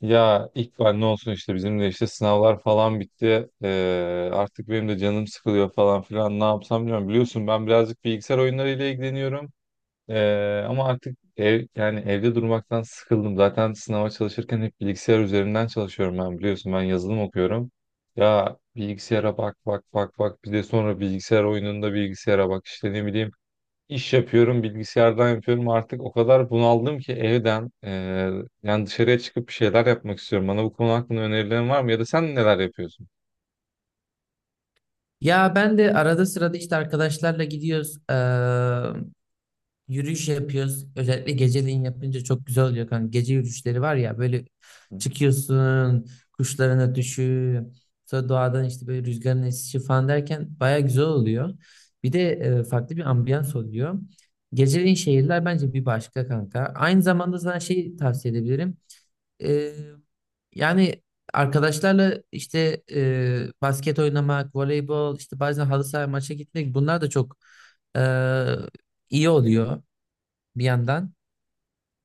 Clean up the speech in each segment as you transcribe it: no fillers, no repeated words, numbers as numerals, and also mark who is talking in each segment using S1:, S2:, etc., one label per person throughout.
S1: Ya İkbal ne olsun işte bizim de işte sınavlar falan bitti. Artık benim de canım sıkılıyor falan filan ne yapsam bilmiyorum. Biliyorsun ben birazcık bilgisayar oyunlarıyla ilgileniyorum. Ama artık yani evde durmaktan sıkıldım. Zaten sınava çalışırken hep bilgisayar üzerinden çalışıyorum ben biliyorsun ben yazılım okuyorum. Ya bilgisayara bak bir de sonra bilgisayar oyununda bilgisayara bak işte ne bileyim. İş yapıyorum, bilgisayardan yapıyorum. Artık o kadar bunaldım ki evden yani dışarıya çıkıp bir şeyler yapmak istiyorum. Bana bu konu hakkında önerilerin var mı? Ya da sen neler yapıyorsun?
S2: Ya ben de arada sırada işte arkadaşlarla gidiyoruz. Yürüyüş yapıyoruz. Özellikle geceleyin yapınca çok güzel oluyor kanka. Gece yürüyüşleri var ya böyle çıkıyorsun, kuşların ötüşü, sonra doğadan işte böyle rüzgarın esişi falan derken baya güzel oluyor. Bir de farklı bir ambiyans oluyor. Geceleyin şehirler bence bir başka kanka. Aynı zamanda sana şey tavsiye edebilirim. Ee, yani arkadaşlarla işte basket oynamak, voleybol, işte bazen halı saha maça gitmek bunlar da çok e, iyi oluyor bir yandan.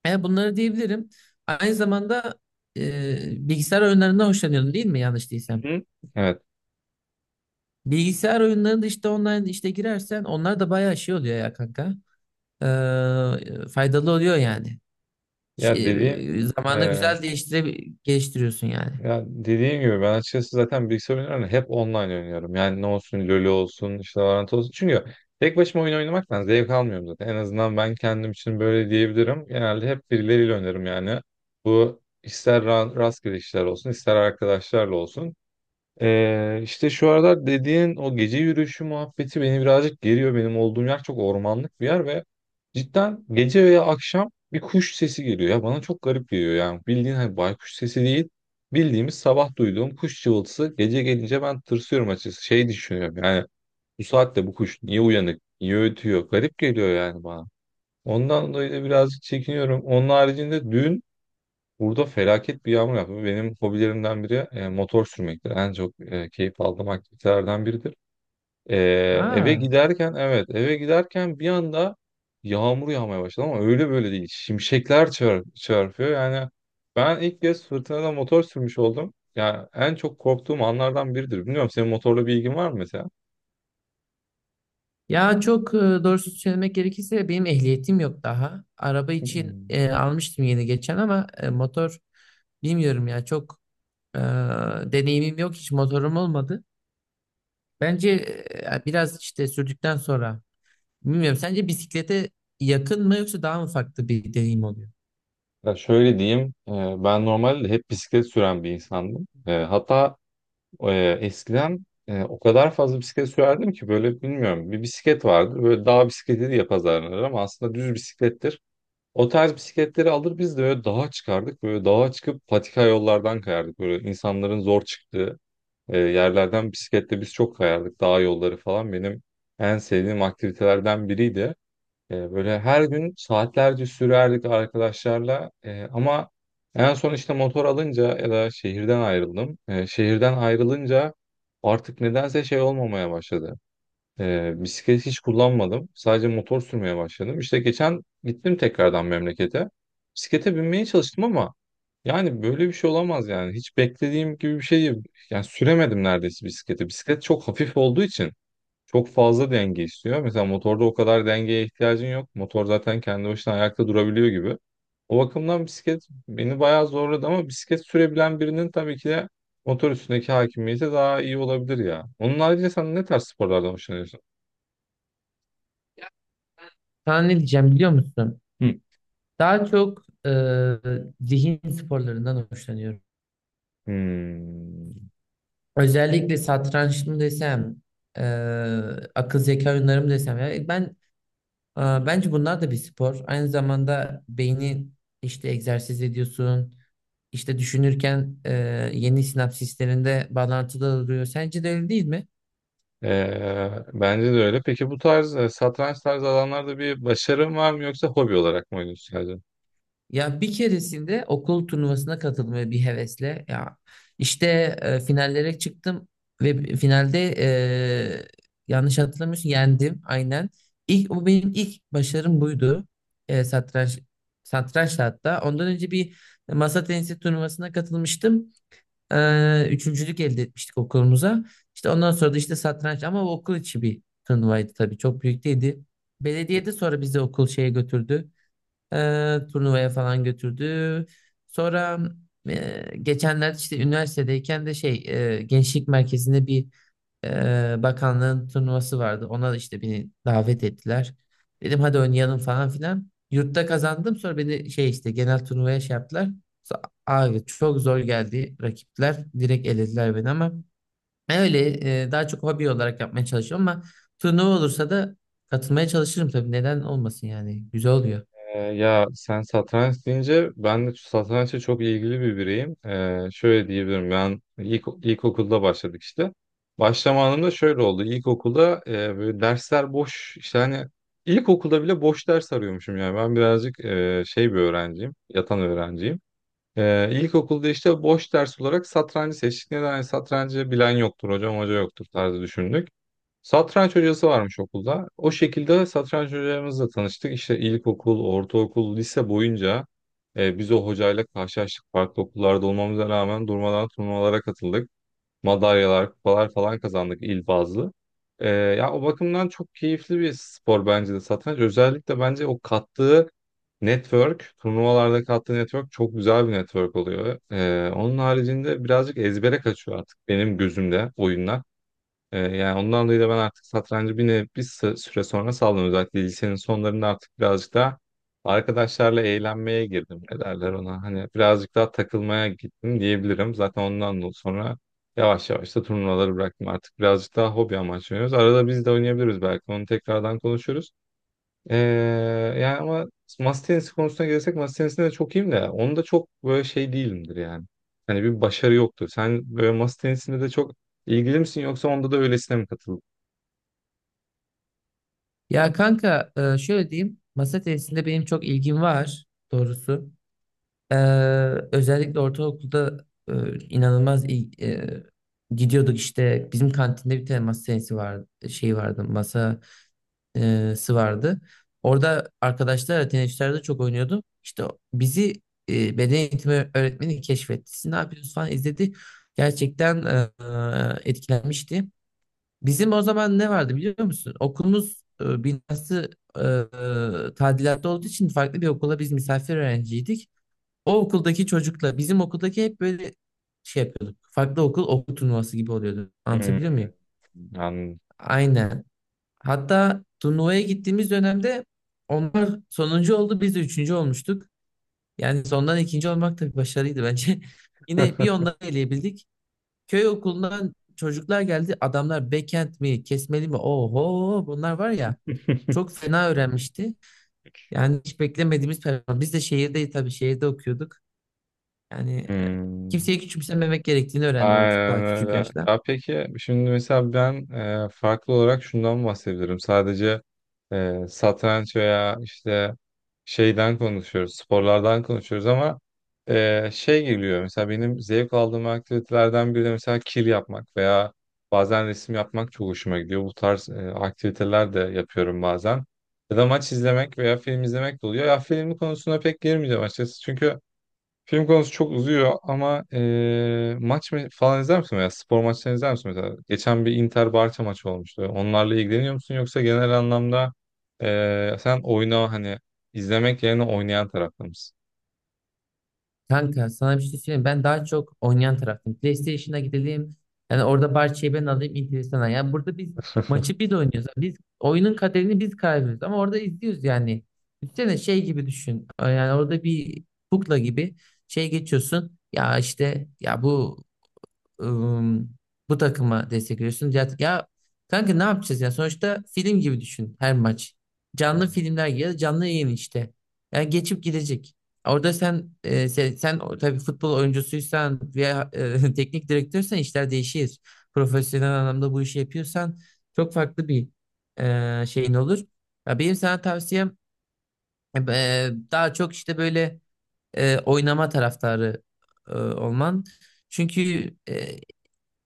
S2: Bunları diyebilirim. Aynı zamanda bilgisayar oyunlarından hoşlanıyorum değil mi yanlış değilsem?
S1: Hı? Evet.
S2: Bilgisayar oyunlarında işte online işte girersen onlar da bayağı şey oluyor ya kanka. Faydalı oluyor yani.
S1: Ya dediğim
S2: Şey, zamanda
S1: e,
S2: güzel değiştire geliştiriyorsun yani.
S1: ya dediğim gibi ben açıkçası zaten bilgisayar oyunlarını hep online oynuyorum. Yani ne olsun LoL olsun işte Valorant olsun. Çünkü tek başıma oyun oynamaktan zevk almıyorum zaten. En azından ben kendim için böyle diyebilirim. Genelde hep birileriyle oynarım yani. Bu ister rastgele işler olsun ister arkadaşlarla olsun. İşte şu aralar dediğin o gece yürüyüşü muhabbeti beni birazcık geriyor. Benim olduğum yer çok ormanlık bir yer ve cidden gece veya akşam bir kuş sesi geliyor. Ya bana çok garip geliyor yani bildiğin hani baykuş sesi değil, bildiğimiz sabah duyduğum kuş cıvıltısı gece gelince ben tırsıyorum açıkçası. Şey düşünüyorum yani bu saatte bu kuş niye uyanık, niye ötüyor, garip geliyor yani bana. Ondan dolayı da birazcık çekiniyorum. Onun haricinde dün burada felaket bir yağmur yaptı. Benim hobilerimden biri motor sürmektir. En çok keyif aldığım aktivitelerden biridir. E,
S2: Ha.
S1: evet, eve giderken bir anda yağmur yağmaya başladı ama öyle böyle değil. Şimşekler çarpıyor. Yani ben ilk kez fırtınada motor sürmüş oldum. Yani en çok korktuğum anlardan biridir. Bilmiyorum senin motorla bir ilgin var mı mesela?
S2: Ya çok doğrusu söylemek gerekirse benim ehliyetim yok daha. Araba için
S1: Hmm.
S2: almıştım yeni geçen ama motor bilmiyorum ya çok e, deneyimim yok hiç motorum olmadı. Bence biraz işte sürdükten sonra bilmiyorum sence bisiklete yakın mı yoksa daha mı farklı bir deneyim oluyor?
S1: Ya şöyle diyeyim, ben normalde hep bisiklet süren bir insandım. Hatta eskiden o kadar fazla bisiklet sürerdim ki böyle, bilmiyorum, bir bisiklet vardır böyle dağ bisikleti diye pazarlanır ama aslında düz bisiklettir. O tarz bisikletleri alır biz de böyle dağa çıkardık, böyle dağa çıkıp patika yollardan kayardık, böyle insanların zor çıktığı yerlerden bisikletle biz çok kayardık, dağ yolları falan benim en sevdiğim aktivitelerden biriydi. Böyle her gün saatlerce sürerdik arkadaşlarla. Ama en son işte motor alınca ya da şehirden ayrıldım. Şehirden ayrılınca artık nedense şey olmamaya başladı. Bisiklet hiç kullanmadım. Sadece motor sürmeye başladım. İşte geçen gittim tekrardan memlekete. Bisiklete binmeye çalıştım ama yani böyle bir şey olamaz yani. Hiç beklediğim gibi bir şey değil. Yani süremedim neredeyse bisikleti. Bisiklet çok hafif olduğu için. Çok fazla denge istiyor. Mesela motorda o kadar dengeye ihtiyacın yok. Motor zaten kendi başına ayakta durabiliyor gibi. O bakımdan bisiklet beni bayağı zorladı ama bisiklet sürebilen birinin tabii ki de motor üstündeki hakimiyeti daha iyi olabilir ya. Onun haricinde sen ne tarz sporlardan hoşlanıyorsun?
S2: Sana ne diyeceğim biliyor musun?
S1: Hı.
S2: Daha çok zihin sporlarından hoşlanıyorum.
S1: Hmm.
S2: Özellikle satranç mı desem, e, akıl zeka oyunları mı desem. Ya ben e, bence bunlar da bir spor. Aynı zamanda beyni işte egzersiz ediyorsun. İşte düşünürken yeni sinapsislerinde bağlantıda oluyor. Sence de öyle değil mi?
S1: Bence de öyle. Peki bu tarz satranç tarzı alanlarda bir başarın var mı yoksa hobi olarak mı oynuyorsun?
S2: Ya bir keresinde okul turnuvasına katılmaya bir hevesle ya işte finallere çıktım ve finalde yanlış hatırlamıyorsun yendim aynen. İlk o benim ilk başarım buydu. E, satranç satrançta hatta. Ondan önce bir masa tenisi turnuvasına katılmıştım. Üçüncülük elde etmiştik okulumuza. İşte ondan sonra da işte satranç ama o okul içi bir turnuvaydı tabii. Çok büyük değildi. Belediyede sonra bizi okul şeye götürdü. Turnuvaya falan götürdü. Sonra geçenlerde işte üniversitedeyken de şey gençlik merkezinde bir bakanlığın turnuvası vardı. Ona da işte beni davet ettiler. Dedim hadi oynayalım falan filan. Yurtta kazandım sonra beni şey işte genel turnuvaya şey yaptılar. Abi çok zor geldi rakipler. Direkt elediler beni ama ben öyle daha çok hobi olarak yapmaya çalışıyorum ama turnuva olursa da katılmaya çalışırım tabii. Neden olmasın yani. Güzel oluyor.
S1: Ya sen satranç deyince ben de satrançla çok ilgili bir bireyim. Şöyle diyebilirim, ben ilkokulda başladık işte. Başlama anında şöyle oldu. İlkokulda böyle dersler boş, işte hani ilkokulda bile boş ders arıyormuşum yani. Ben birazcık şey bir öğrenciyim. Yatan öğrenciyim. İlkokulda işte boş ders olarak satrancı seçtik. Neden? Yani satrancı bilen yoktur hocam, hoca yoktur tarzı düşündük. Satranç hocası varmış okulda. O şekilde satranç hocamızla tanıştık. İşte ilkokul, ortaokul, lise boyunca biz o hocayla karşılaştık. Farklı okullarda olmamıza rağmen durmadan turnuvalara katıldık, madalyalar, kupalar falan kazandık il bazlı. Ya o bakımdan çok keyifli bir spor bence de satranç. Özellikle bence o kattığı network, turnuvalarda kattığı network çok güzel bir network oluyor. Onun haricinde birazcık ezbere kaçıyor artık benim gözümde oyunlar. Yani ondan dolayı da ben artık satrancı bir süre sonra saldım. Özellikle lisenin sonlarında artık birazcık daha arkadaşlarla eğlenmeye girdim. Ne derler ona? Hani birazcık daha takılmaya gittim diyebilirim. Zaten ondan dolayı sonra yavaş yavaş da turnuvaları bıraktım. Artık birazcık daha hobi amaçlı oynuyoruz. Arada biz de oynayabiliriz belki. Onu tekrardan konuşuruz. Ee, Yani ama masa tenisi konusuna gelirsek masa tenisinde de çok iyiyim de onda çok böyle şey değilimdir yani. Hani bir başarı yoktur. Sen böyle masa tenisinde de çok ilgili misin yoksa onda da öylesine mi katıldın?
S2: Ya kanka şöyle diyeyim. Masa tenisinde benim çok ilgim var doğrusu. Ee, Özellikle ortaokulda inanılmaz gidiyorduk işte bizim kantinde bir tane masa tenisi vardı şey vardı masası vardı. Orada arkadaşlarla tenisçilerde çok oynuyordum. İşte bizi beden eğitimi öğretmeni keşfetti. Siz ne yapıyorsunuz falan izledi. Gerçekten etkilenmişti. Bizim o zaman ne vardı biliyor musun? Okulumuz binası tadilatta olduğu için farklı bir okula biz misafir öğrenciydik. O okuldaki çocukla bizim okuldaki hep böyle şey yapıyorduk. Farklı okul okul turnuvası gibi oluyordu.
S1: Hmm,
S2: Anlatabiliyor muyum?
S1: anladım.
S2: Aynen. Hatta turnuvaya gittiğimiz dönemde onlar sonuncu oldu biz de üçüncü olmuştuk. Yani sondan ikinci olmak da bir başarıydı bence. Yine bir onları eleyebildik. Köy okulundan çocuklar geldi. Adamlar backend mi, kesmeli mi? Oho bunlar var ya çok fena öğrenmişti. Yani hiç beklemediğimiz performans. Biz de şehirdeyiz tabii şehirde okuyorduk. Yani
S1: Hmm.
S2: kimseyi küçümsememek gerektiğini öğrendim
S1: Aynen
S2: daha küçük
S1: öyle.
S2: yaşta.
S1: Ya peki şimdi mesela ben farklı olarak şundan bahsedebilirim. Sadece satranç veya işte şeyden konuşuyoruz, sporlardan konuşuyoruz ama şey geliyor. Mesela benim zevk aldığım aktivitelerden biri de mesela kil yapmak veya bazen resim yapmak çok hoşuma gidiyor. Bu tarz aktiviteler de yapıyorum bazen. Ya da maç izlemek veya film izlemek de oluyor. Ya film konusuna pek girmeyeceğim açıkçası. Çünkü film konusu çok uzuyor ama falan izler misin veya spor maçlarını izler misin mesela? Geçen bir Inter-Barça maçı olmuştu. Onlarla ilgileniyor musun yoksa genel anlamda sen, oyna hani, izlemek yerine oynayan tarafta mısın?
S2: Kanka sana bir şey söyleyeyim. Ben daha çok oynayan taraftım. PlayStation'a gidelim. Yani orada parçayı ben alayım enteresan. Ya burada biz maçı biz oynuyoruz. Yani biz oyunun kaderini biz karar veriyoruz. Ama orada izliyoruz yani. Üstüne şey gibi düşün. Yani orada bir kukla gibi şey geçiyorsun. Ya işte ya bu ım, bu takıma destek veriyorsun. Ya, ya kanka ne yapacağız ya? Sonuçta film gibi düşün her maç. Canlı filmler gibi ya da canlı yayın işte. Yani geçip gidecek. Orada sen e, sen, sen o- tabii futbol oyuncusuysan veya teknik direktörsen işler değişir. Profesyonel anlamda bu işi yapıyorsan çok farklı bir şeyin olur. Ya benim sana tavsiyem daha çok işte böyle oynama taraftarı olman. Çünkü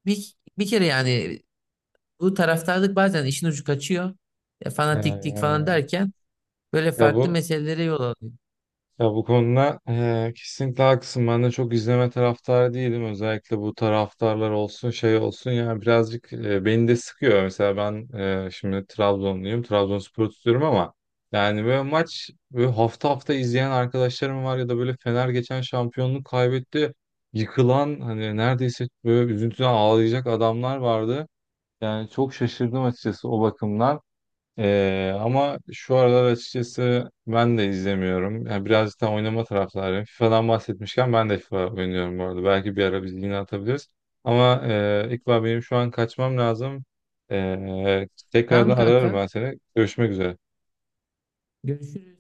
S2: bir, bir kere yani bu taraftarlık bazen işin ucu kaçıyor. Fanatiklik falan
S1: Eee,
S2: derken böyle
S1: ya
S2: farklı
S1: bu
S2: meselelere yol alıyor.
S1: Ya bu konuda kesinlikle haklısın. Ben de çok izleme taraftarı değilim. Özellikle bu taraftarlar olsun şey olsun yani birazcık beni de sıkıyor. Mesela ben şimdi Trabzonluyum. Trabzonspor'u tutuyorum ama yani böyle maç böyle hafta hafta izleyen arkadaşlarım var ya da böyle Fener geçen şampiyonluk kaybetti. Yıkılan hani neredeyse böyle üzüntüden ağlayacak adamlar vardı. Yani çok şaşırdım açıkçası o bakımdan. Ama şu aralar açıkçası ben de izlemiyorum. Yani birazcık da oynama taraftarıyım. FIFA'dan bahsetmişken ben de FIFA oynuyorum bu arada. Belki bir ara biz yine atabiliriz. Ama İkbal benim şu an kaçmam lazım.
S2: Tamam
S1: Tekrardan ararım
S2: kanka.
S1: ben seni. Görüşmek üzere.
S2: Görüşürüz.